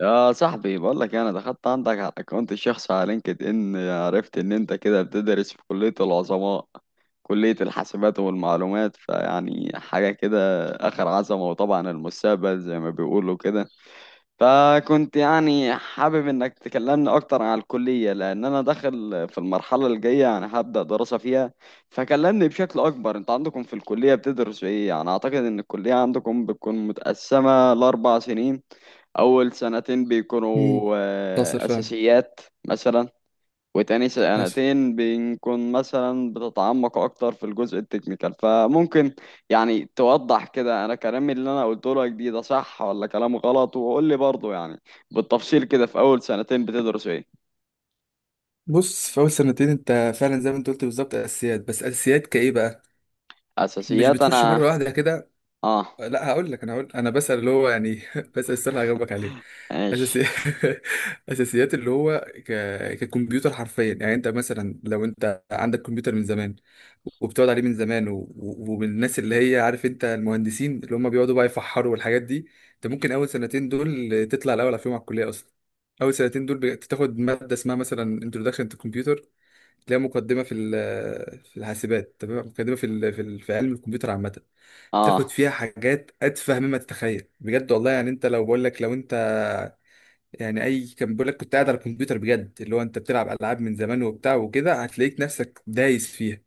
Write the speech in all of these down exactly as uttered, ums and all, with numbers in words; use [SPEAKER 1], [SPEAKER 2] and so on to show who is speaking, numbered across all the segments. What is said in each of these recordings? [SPEAKER 1] يا صاحبي، بقول لك إيه، انا دخلت عندك على الاكونت الشخصي على لينكد ان، عرفت ان انت كده بتدرس في كلية العظماء، كلية الحاسبات والمعلومات، فيعني حاجة كده اخر عظمة، وطبعا المستقبل زي ما بيقولوا كده. فكنت يعني حابب انك تكلمني اكتر عن الكلية، لان انا داخل في المرحلة الجاية، يعني هبدأ دراسة فيها. فكلمني بشكل اكبر، انت عندكم في الكلية بتدرسوا ايه؟ يعني اعتقد ان الكلية عندكم بتكون متقسمة لاربع سنين. أول سنتين بيكونوا
[SPEAKER 2] امم حصل
[SPEAKER 1] آه،
[SPEAKER 2] فعلا.
[SPEAKER 1] أساسيات مثلا، وتاني
[SPEAKER 2] حصل.
[SPEAKER 1] سنتين بنكون مثلا بتتعمق أكتر في الجزء التكنيكال. فممكن يعني توضح كده، أنا كلامي اللي أنا قلته لك دي ده صح ولا كلام غلط؟ وقول لي برضه يعني بالتفصيل كده، في أول سنتين بتدرس إيه؟
[SPEAKER 2] بص، في اول سنتين انت فعلا زي ما انت قلت بالظبط اساسيات، بس اساسيات كايه بقى؟ مش
[SPEAKER 1] أساسيات.
[SPEAKER 2] بتخش
[SPEAKER 1] أنا.
[SPEAKER 2] مره واحده كده.
[SPEAKER 1] آه.
[SPEAKER 2] لا، هقول لك، انا هقول، انا بسأل اللي هو يعني بسأل السؤال اللي هجاوبك عليه.
[SPEAKER 1] ماشي.
[SPEAKER 2] اساسي اساسيات اللي هو ك... ككمبيوتر حرفيا. يعني انت مثلا لو انت عندك كمبيوتر من زمان وبتقعد عليه من زمان و... و- ومن الناس اللي هي عارف انت المهندسين اللي هم بيقعدوا بقى يفحروا والحاجات دي، انت ممكن اول سنتين دول تطلع الاول على فيهم على الكلية اصلا. اول سنتين دول بتاخد مادة اسمها مثلا انتروداكشن تو كمبيوتر، تلاقيها مقدمة في ال... في الحاسبات. تمام؟ مقدمة في ال... في ال... في علم الكمبيوتر عامة. تاخد
[SPEAKER 1] آه.
[SPEAKER 2] فيها حاجات اتفه مما تتخيل بجد والله. يعني انت لو بقول لك، لو انت يعني اي كان بيقول لك كنت قاعد على الكمبيوتر بجد، اللي هو انت بتلعب العاب من زمان وبتاع وكده، هتلاقيك نفسك دايس فيها.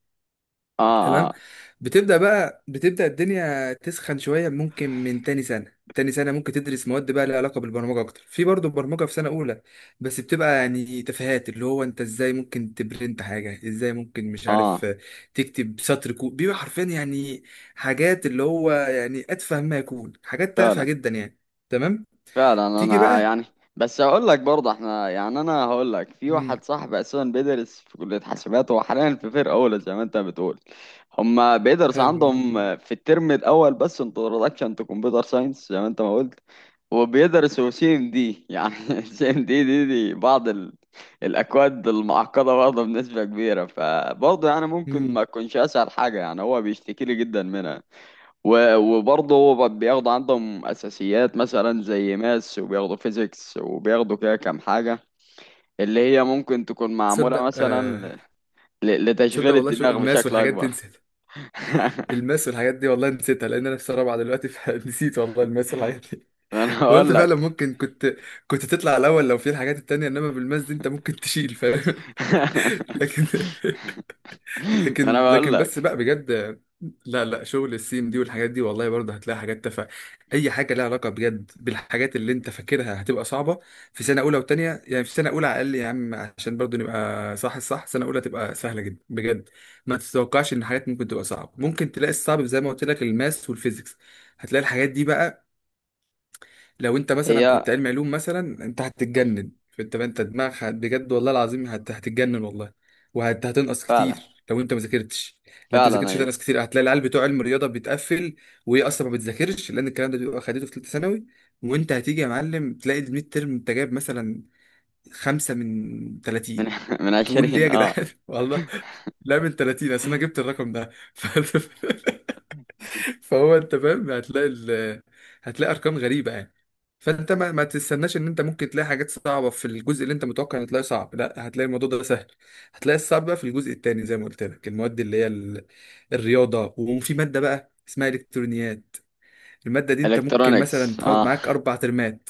[SPEAKER 1] آه.
[SPEAKER 2] تمام؟
[SPEAKER 1] آه.
[SPEAKER 2] بتبدأ بقى بتبدأ الدنيا تسخن شوية، ممكن من تاني سنة. تاني سنة ممكن تدرس مواد بقى لها علاقة بالبرمجة أكتر، في برضه برمجة في سنة أولى، بس بتبقى يعني تفاهات، اللي هو أنت إزاي ممكن تبرنت حاجة، إزاي ممكن مش عارف
[SPEAKER 1] آه.
[SPEAKER 2] آه، تكتب سطر كود. بيبقى حرفيا يعني حاجات اللي هو يعني أتفه ما يكون، حاجات تافهة
[SPEAKER 1] فعلا.
[SPEAKER 2] جدا يعني. تمام.
[SPEAKER 1] فعلا.
[SPEAKER 2] تيجي
[SPEAKER 1] انا
[SPEAKER 2] بقى.
[SPEAKER 1] يعني، بس هقول لك برضه، احنا يعني انا هقول لك، في
[SPEAKER 2] مم.
[SPEAKER 1] واحد صاحبي اساسا بيدرس في كلية حاسبات، هو حاليا في فرقة اولى زي ما انت بتقول. هما بيدرس
[SPEAKER 2] حلو.
[SPEAKER 1] عندهم في الترم الاول بس انتروداكشن تو كمبيوتر ساينس زي ما انت ما قلت، وبيدرسوا سي ام دي يعني سي ام دي دي دي بعض ال... الاكواد المعقدة برضه بنسبة كبيرة. فبرضه يعني ممكن
[SPEAKER 2] مم.
[SPEAKER 1] ما تكونش اسهل حاجة، يعني هو بيشتكي لي جدا منها. و- وبرضه هو ب- بياخدوا عندهم أساسيات مثلا زي ماس، وبياخدوا فيزيكس، وبياخدوا كده كام حاجة اللي هي ممكن تكون معمولة
[SPEAKER 2] تصدق آه.
[SPEAKER 1] مثلا ل-
[SPEAKER 2] تصدق
[SPEAKER 1] لتشغيل
[SPEAKER 2] والله شو
[SPEAKER 1] الدماغ
[SPEAKER 2] الماس
[SPEAKER 1] بشكل
[SPEAKER 2] والحاجات،
[SPEAKER 1] أكبر.
[SPEAKER 2] تنسى. الماس والحاجات دي والله نسيتها، لان انا في سنه رابعه دلوقتي فنسيت والله الماس والحاجات دي.
[SPEAKER 1] ما أنا
[SPEAKER 2] وقلت
[SPEAKER 1] بقول
[SPEAKER 2] فعلا
[SPEAKER 1] لك.
[SPEAKER 2] ممكن كنت، كنت تطلع الاول لو في الحاجات التانية، انما بالماس دي انت ممكن تشيل، فاهم؟ لكن،
[SPEAKER 1] ما أنا
[SPEAKER 2] لكن
[SPEAKER 1] بقول
[SPEAKER 2] لكن بس
[SPEAKER 1] لك.
[SPEAKER 2] بقى بجد. لا لا، شغل السيم دي والحاجات دي والله برضه هتلاقي حاجات تافهه. اي حاجه لها علاقه بجد بالحاجات اللي انت فاكرها هتبقى صعبه في سنه اولى وتانية. يعني في سنه اولى على الاقل يا عم، عشان برضه نبقى صح الصح، سنه اولى تبقى سهله جدا بجد. ما تتوقعش ان حاجات ممكن تبقى صعبه، ممكن تلاقي الصعب زي ما قلت لك الماس والفيزيكس، هتلاقي الحاجات دي بقى لو انت مثلا
[SPEAKER 1] هي
[SPEAKER 2] كنت علم علوم مثلا، انت هتتجنن. فانت، انت دماغك هت- بجد والله العظيم هت... هتتجنن والله. وهتنقص
[SPEAKER 1] فعلا.
[SPEAKER 2] كتير لو انت ما ذاكرتش. لو انت ما
[SPEAKER 1] فعلا
[SPEAKER 2] ذاكرتش
[SPEAKER 1] أيوه.
[SPEAKER 2] هتنقص كتير، هتلاقي العيال بتوع علم الرياضه بتقفل، وهي اصلا ما بتذاكرش لان الكلام ده بيبقى خدته في ثالثه ثانوي. وانت هتيجي يا معلم تلاقي الميد ترم انت جايب مثلا خمسة من
[SPEAKER 1] من
[SPEAKER 2] ثلاثين.
[SPEAKER 1] من
[SPEAKER 2] تقول ليه يا
[SPEAKER 1] عشرين، اه.
[SPEAKER 2] جدعان؟ والله لا، من ثلاثين. اصل انا جبت الرقم ده فهو، انت فاهم، هتلاقي ال... هتلاقي ارقام غريبه يعني. فانت ما, ما تستناش ان انت ممكن تلاقي حاجات صعبه في الجزء اللي انت متوقع ان تلاقيه صعب. لا، هتلاقي الموضوع ده سهل. هتلاقي الصعب بقى في الجزء التاني زي ما قلت لك، المواد اللي هي ال... الرياضه، وفي ماده بقى اسمها الكترونيات. الماده دي انت ممكن مثلا
[SPEAKER 1] الكترونكس،
[SPEAKER 2] تقعد
[SPEAKER 1] اه.
[SPEAKER 2] معاك اربع ترمات.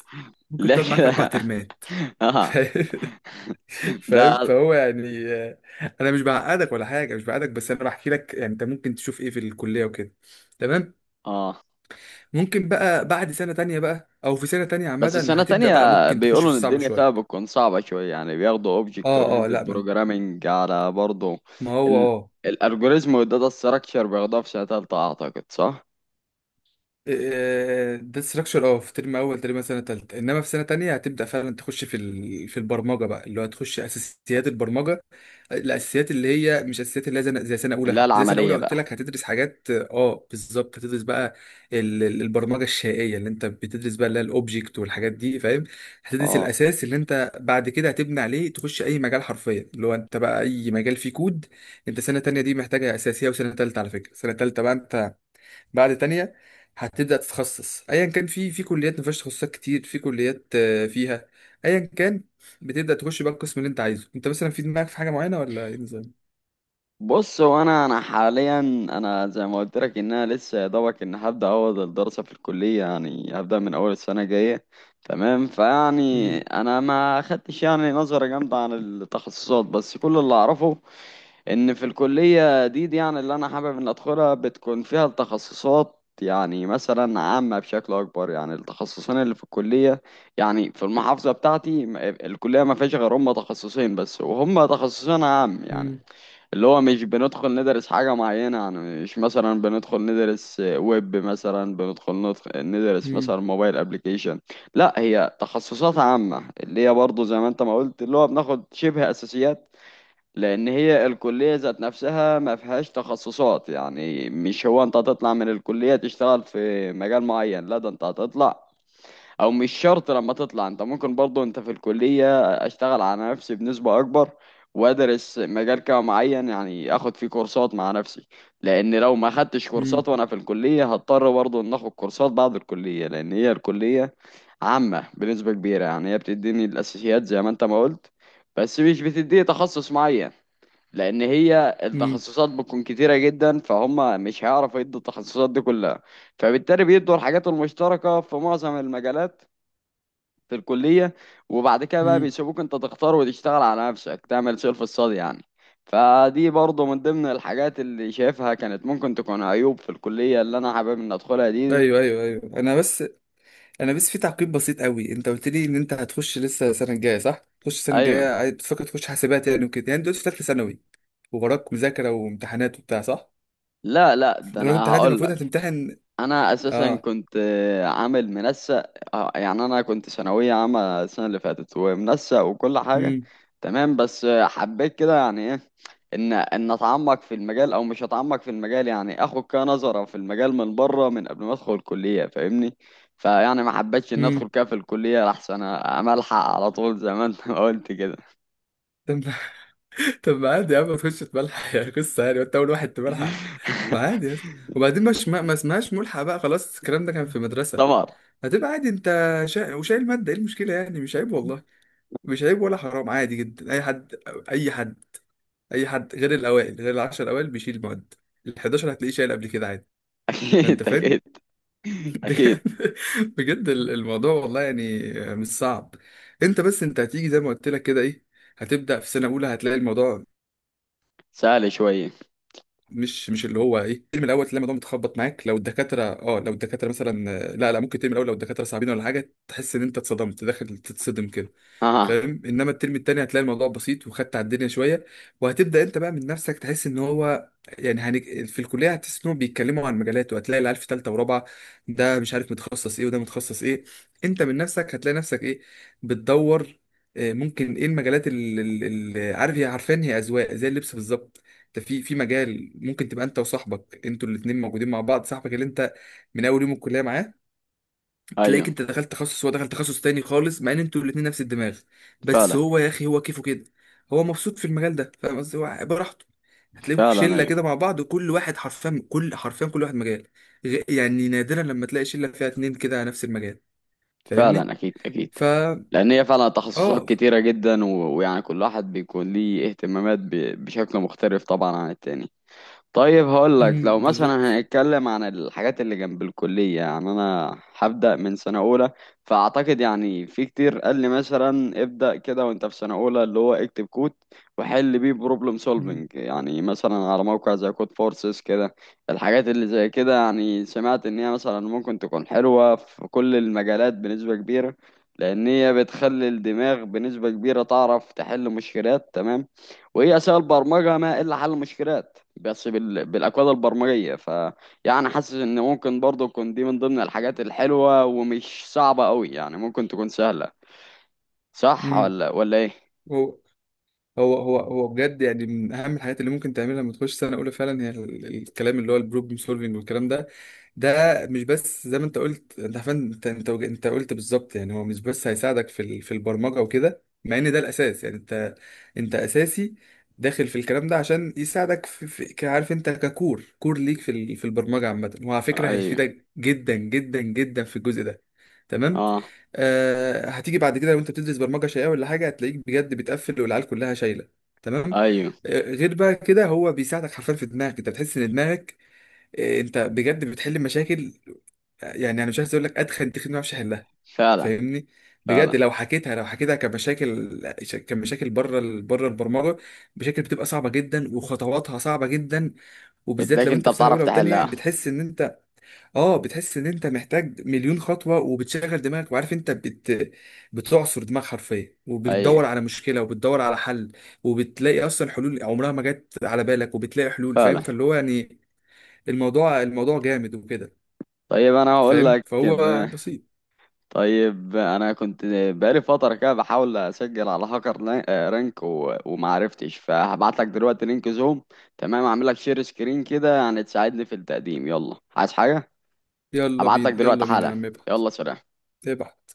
[SPEAKER 2] ممكن
[SPEAKER 1] لا
[SPEAKER 2] تقعد معاك اربع
[SPEAKER 1] كده.
[SPEAKER 2] ترمات.
[SPEAKER 1] اه.
[SPEAKER 2] فاهم؟ فاهم؟
[SPEAKER 1] ده.
[SPEAKER 2] فهو يعني آه، انا مش بعقدك ولا حاجه، مش بعقدك، بس انا بحكي لك يعني انت ممكن تشوف ايه في الكليه وكده. تمام.
[SPEAKER 1] اه.
[SPEAKER 2] ممكن بقى بعد سنة تانية بقى، أو في سنة تانية
[SPEAKER 1] بس
[SPEAKER 2] عامة
[SPEAKER 1] سنة
[SPEAKER 2] هتبدأ
[SPEAKER 1] تانية
[SPEAKER 2] بقى، ممكن تخش
[SPEAKER 1] بيقولوا
[SPEAKER 2] في
[SPEAKER 1] إن
[SPEAKER 2] الصعب
[SPEAKER 1] الدنيا فيها
[SPEAKER 2] شوية.
[SPEAKER 1] بتكون صعبة شوية، يعني بياخدوا Object
[SPEAKER 2] اه اه.
[SPEAKER 1] Oriented
[SPEAKER 2] لا من،
[SPEAKER 1] Programming على برضه.
[SPEAKER 2] ما هو
[SPEAKER 1] ال
[SPEAKER 2] اه
[SPEAKER 1] الألجوريزم والداتا ستراكشر بياخدوها في سنة تالتة، أعتقد، صح؟
[SPEAKER 2] إيه، ده ستراكشر اه في ترم، أول ترم سنة تالتة. إنما في سنة تانية هتبدأ فعلا تخش في ال... في البرمجة بقى، اللي هو هتخش أساسيات البرمجة. الاساسيات اللي هي مش اساسيات اللي هي زي، زي سنه
[SPEAKER 1] اللي هي
[SPEAKER 2] اولى زي سنه اولى
[SPEAKER 1] العملية
[SPEAKER 2] قلت
[SPEAKER 1] بقى.
[SPEAKER 2] لك. هتدرس حاجات اه بالظبط، هتدرس بقى ال- ال- البرمجه الشيئيه اللي انت بتدرس بقى، اللي هي الاوبجكت والحاجات دي، فاهم؟ هتدرس
[SPEAKER 1] اه.
[SPEAKER 2] الاساس اللي انت بعد كده هتبني عليه تخش اي مجال حرفيا، اللي هو انت بقى اي مجال فيه كود. انت سنه تانية دي محتاجه اساسيه، وسنه تالتة على فكره، سنه تالتة بقى انت بعد تانية هتبدأ تتخصص. ايا كان، في في كليات ما فيهاش تخصصات كتير، في كليات آه، فيها. ايا كان، بتبدأ تخش بقى القسم اللي انت عايزه، انت مثلا في دماغك في حاجة معينة ولا ايه النظام؟
[SPEAKER 1] بص، هو أنا أنا حاليا، أنا زي ما قلت لك إن أنا لسه يا دوبك، إن هبدأ أول الدراسة في الكلية، يعني هبدأ من أول السنة الجاية. تمام. فيعني
[SPEAKER 2] مم،
[SPEAKER 1] أنا ما خدتش يعني نظرة جامدة عن التخصصات، بس كل اللي أعرفه ان في الكلية دي, دي يعني اللي انا حابب ان ادخلها، بتكون فيها التخصصات يعني مثلا عامة بشكل اكبر، يعني التخصصين اللي في الكلية. يعني في المحافظة بتاعتي م- الكلية ما فيهاش غير هم تخصصين بس، وهم تخصصين عام يعني،
[SPEAKER 2] مم،
[SPEAKER 1] اللي هو مش بندخل ندرس حاجة معينة يعني. مش مثلا بندخل ندرس ويب، مثلا بندخل ندخ- ندرس
[SPEAKER 2] مم،
[SPEAKER 1] مثلا موبايل ابليكيشن. لا، هي تخصصات عامة، اللي هي برضه زي ما انت ما قلت اللي هو بناخد شبه اساسيات. لان هي الكليه ذات نفسها ما فيهاش تخصصات، يعني مش هو انت هتطلع من الكليه تشتغل في مجال معين، لا، ده انت هتطلع، او مش شرط لما تطلع. انت ممكن برضو انت في الكليه اشتغل على نفسي بنسبه اكبر، وادرس مجال كده معين، يعني اخد فيه كورسات مع نفسي. لان لو ما خدتش
[SPEAKER 2] مم،
[SPEAKER 1] كورسات وانا في الكليه، هضطر برضو ان اخد كورسات بعد الكليه، لان هي الكليه عامه بنسبه كبيره، يعني هي بتديني الاساسيات زي ما انت ما قلت، بس مش بتديه تخصص معين. لان هي
[SPEAKER 2] مم،
[SPEAKER 1] التخصصات بتكون كتيره جدا، فهم مش هيعرفوا يدوا التخصصات دي كلها، فبالتالي بيدوا الحاجات المشتركه في معظم المجالات في الكليه، وبعد كده بقى
[SPEAKER 2] مم.
[SPEAKER 1] بيسيبوك انت تختار وتشتغل على نفسك تعمل سيلف ستادي يعني. فدي برضه من ضمن الحاجات اللي شايفها كانت ممكن تكون عيوب في الكليه اللي انا حابب ان ادخلها دي, دي.
[SPEAKER 2] ايوه ايوه ايوه. انا بس، انا بس في تعقيب بسيط قوي. انت قلت لي ان انت هتخش لسه السنه الجايه، صح؟ تخش السنه
[SPEAKER 1] ايوه.
[SPEAKER 2] الجايه، عايز- بتفكر تخش حاسبات يعني وكده، يعني دلوقتي في ثالثه ثانوي ووراك مذاكره وامتحانات وبتاع، صح؟
[SPEAKER 1] لا لا، ده
[SPEAKER 2] وراك
[SPEAKER 1] انا
[SPEAKER 2] امتحانات،
[SPEAKER 1] هقول
[SPEAKER 2] المفروض
[SPEAKER 1] لك،
[SPEAKER 2] هتمتحن.
[SPEAKER 1] انا اساسا
[SPEAKER 2] اه.
[SPEAKER 1] كنت آه، عامل منسق، آه، يعني انا كنت ثانويه عامه السنه اللي فاتت، ومنسق وكل حاجه.
[SPEAKER 2] امم
[SPEAKER 1] تمام، بس آه، حبيت كده يعني ايه، ان ان اتعمق في المجال، او مش اتعمق في المجال، يعني اخد كده نظره في المجال من بره، من قبل ما ادخل الكليه، فاهمني؟ فيعني ما حبيتش ان ادخل
[SPEAKER 2] امم.
[SPEAKER 1] كده في الكليه، احسن املحق على طول زي ما انت ما قلت كده.
[SPEAKER 2] طب ما عادي يا عم ما تخش تملحق يا قصة، يعني وانت أول واحد تملحق؟ ما عادي يا اسطى. وبعدين مش ما, ما اسمهاش ملحق بقى، خلاص الكلام ده كان في مدرسة.
[SPEAKER 1] طبعا.
[SPEAKER 2] هتبقى عادي انت. شا... وشايل مادة، ايه المشكلة يعني؟ مش عيب والله. مش عيب ولا حرام، عادي جدا. أي حد، أي حد أي حد غير الأوائل، غير العشر الأوائل، بيشيل مواد. ال حداشر هتلاقيه شايل قبل كده، عادي. فأنت
[SPEAKER 1] اكيد.
[SPEAKER 2] فاهم.
[SPEAKER 1] اكيد اكيد.
[SPEAKER 2] بجد. بجد ال- الموضوع والله يعني مش صعب. انت بس، انت هتيجي زي ما قلت لك كده، ايه؟ هتبدأ في سنة أولى هتلاقي الموضوع،
[SPEAKER 1] سهل شويه.
[SPEAKER 2] مش مش اللي هو ايه، الترم الاول تلاقي الموضوع متخبط معاك لو الدكاتره، اه، لو الدكاتره مثلا آه، لا لا، ممكن الترم الاول لو الدكاتره صعبين ولا حاجه تحس ان انت اتصدمت، داخل تتصدم كده،
[SPEAKER 1] اه.
[SPEAKER 2] فاهم؟ انما الترم التاني هتلاقي الموضوع بسيط، وخدت على الدنيا شويه، وهتبدا انت بقى من نفسك تحس ان هو يعني هنج... في الكليه هتحس انهم بيتكلموا عن مجالات، وهتلاقي العيال في ثالثه ورابعه، ده مش عارف متخصص ايه وده متخصص ايه. انت من نفسك هتلاقي نفسك ايه، بتدور. آه، ممكن ايه المجالات اللي عارف، هي عارفين هي اذواق زي اللبس بالظبط. انت في في مجال ممكن تبقى انت وصاحبك انتوا الاثنين موجودين مع بعض، صاحبك اللي انت من اول يوم الكليه معاه،
[SPEAKER 1] ايوه.
[SPEAKER 2] تلاقيك انت دخلت تخصص، هو دخل تخصص تاني خالص، مع ان انتوا الاثنين نفس الدماغ. بس
[SPEAKER 1] فعلا.
[SPEAKER 2] هو يا اخي هو كيفه كده، هو مبسوط في المجال ده، فاهم قصدي؟ هو براحته. هتلاقيكوا
[SPEAKER 1] فعلا
[SPEAKER 2] شله كده
[SPEAKER 1] ايوه.
[SPEAKER 2] مع بعض، وكل واحد حرفيا، كل حرفيا كل واحد مجال. غ- يعني نادرا لما تلاقي شله فيها اتنين كده على نفس المجال، فاهمني؟
[SPEAKER 1] فعلا اكيد اكيد.
[SPEAKER 2] فا،
[SPEAKER 1] لان هي فعلا تخصصات
[SPEAKER 2] اه.
[SPEAKER 1] كتيره جدا و... ويعني كل واحد بيكون ليه اهتمامات ب... بشكل مختلف طبعا عن التاني. طيب هقول لك،
[SPEAKER 2] مم،
[SPEAKER 1] لو مثلا
[SPEAKER 2] بالظبط.
[SPEAKER 1] هنتكلم عن الحاجات اللي جنب الكلية، يعني أنا هبدأ من سنة أولى، فأعتقد يعني في كتير قال لي مثلا ابدأ كده وأنت في سنة أولى اللي هو اكتب كود، وحل بيه بروبلم
[SPEAKER 2] مم،
[SPEAKER 1] سولفنج، يعني مثلا على موقع زي كود فورسز كده. الحاجات اللي زي كده يعني، سمعت إن هي مثلا ممكن تكون حلوة في كل المجالات بنسبة كبيرة، لأن هي بتخلي الدماغ بنسبة كبيرة تعرف تحل مشكلات. تمام، وهي أساس البرمجة ما إلا حل المشكلات، بس بال... بالأكواد البرمجية. ف يعني حاسس إن ممكن برضه تكون دي من ضمن الحاجات الحلوة، ومش صعبة أوي، يعني ممكن تكون سهلة. صح
[SPEAKER 2] مم.
[SPEAKER 1] ولا ولا إيه؟
[SPEAKER 2] هو هو هو هو بجد يعني من اهم الحاجات اللي ممكن تعملها لما تخش سنه اولى، فعلا هي ال- الكلام اللي هو البروبلم سولفنج والكلام ده. ده مش بس زي ما انت قلت، انت عارفين، انت، انت وج- انت قلت بالظبط يعني، هو مش بس هيساعدك في ال- في البرمجه وكده، مع ان ده الاساس يعني. انت، انت اساسي داخل في الكلام ده عشان يساعدك في, في ك- عارف انت ككور، كور ليك في ال- في البرمجه عامه. وعلى فكره
[SPEAKER 1] أيوه.
[SPEAKER 2] هيفيدك جدا جدا جدا في الجزء ده. تمام.
[SPEAKER 1] أه.
[SPEAKER 2] آه، هتيجي بعد كده لو انت بتدرس برمجه شيئيه ولا حاجه، هتلاقيك بجد بتقفل والعيال كلها شايله. تمام.
[SPEAKER 1] أيوه.
[SPEAKER 2] آه، غير بقى كده هو بيساعدك حرفيا في دماغك، انت بتحس ان دماغك، آه، انت بجد بتحل مشاكل. آه، يعني انا مش عايز اقول لك ادخن تخين ما اعرفش احلها،
[SPEAKER 1] فعلا.
[SPEAKER 2] فاهمني؟ بجد
[SPEAKER 1] فعلا
[SPEAKER 2] لو حكيتها، لو حكيتها كمشاكل، كمشاكل بره ال- بره البرمجه، مشاكل بتبقى صعبه جدا وخطواتها صعبه جدا. وبالذات
[SPEAKER 1] بتلاقي
[SPEAKER 2] لو
[SPEAKER 1] أنت
[SPEAKER 2] انت في سنه
[SPEAKER 1] بتعرف
[SPEAKER 2] اولى وثانيه
[SPEAKER 1] تحلها.
[SPEAKER 2] بتحس ان، اه بتحس ان انت محتاج مليون خطوه، وبتشغل دماغك وعارف انت بت... بتعصر دماغ حرفيا،
[SPEAKER 1] أيوه
[SPEAKER 2] وبتدور على مشكله وبتدور على حل، وبتلاقي اصلا حلول عمرها ما جت على بالك، وبتلاقي حلول، فاهم؟
[SPEAKER 1] فعلا.
[SPEAKER 2] فاللي هو يعني الموضوع الموضوع جامد وكده.
[SPEAKER 1] طيب أنا هقول
[SPEAKER 2] فاهم؟
[SPEAKER 1] لك
[SPEAKER 2] فهو
[SPEAKER 1] ب...
[SPEAKER 2] بسيط.
[SPEAKER 1] طيب انا كنت بقالي فتره كده بحاول اسجل على هاكر لا- آه، رانك و- ومعرفتش، فهبعت لك دلوقتي لينك زوم، تمام، اعمل لك شير سكرين كده يعني تساعدني في التقديم. يلا، عايز حاجه؟
[SPEAKER 2] يلا
[SPEAKER 1] هبعت لك
[SPEAKER 2] بينا،
[SPEAKER 1] دلوقتي
[SPEAKER 2] يلا بينا يا
[SPEAKER 1] حالا.
[SPEAKER 2] عم ابعت.
[SPEAKER 1] يلا، سلام.
[SPEAKER 2] ابعت.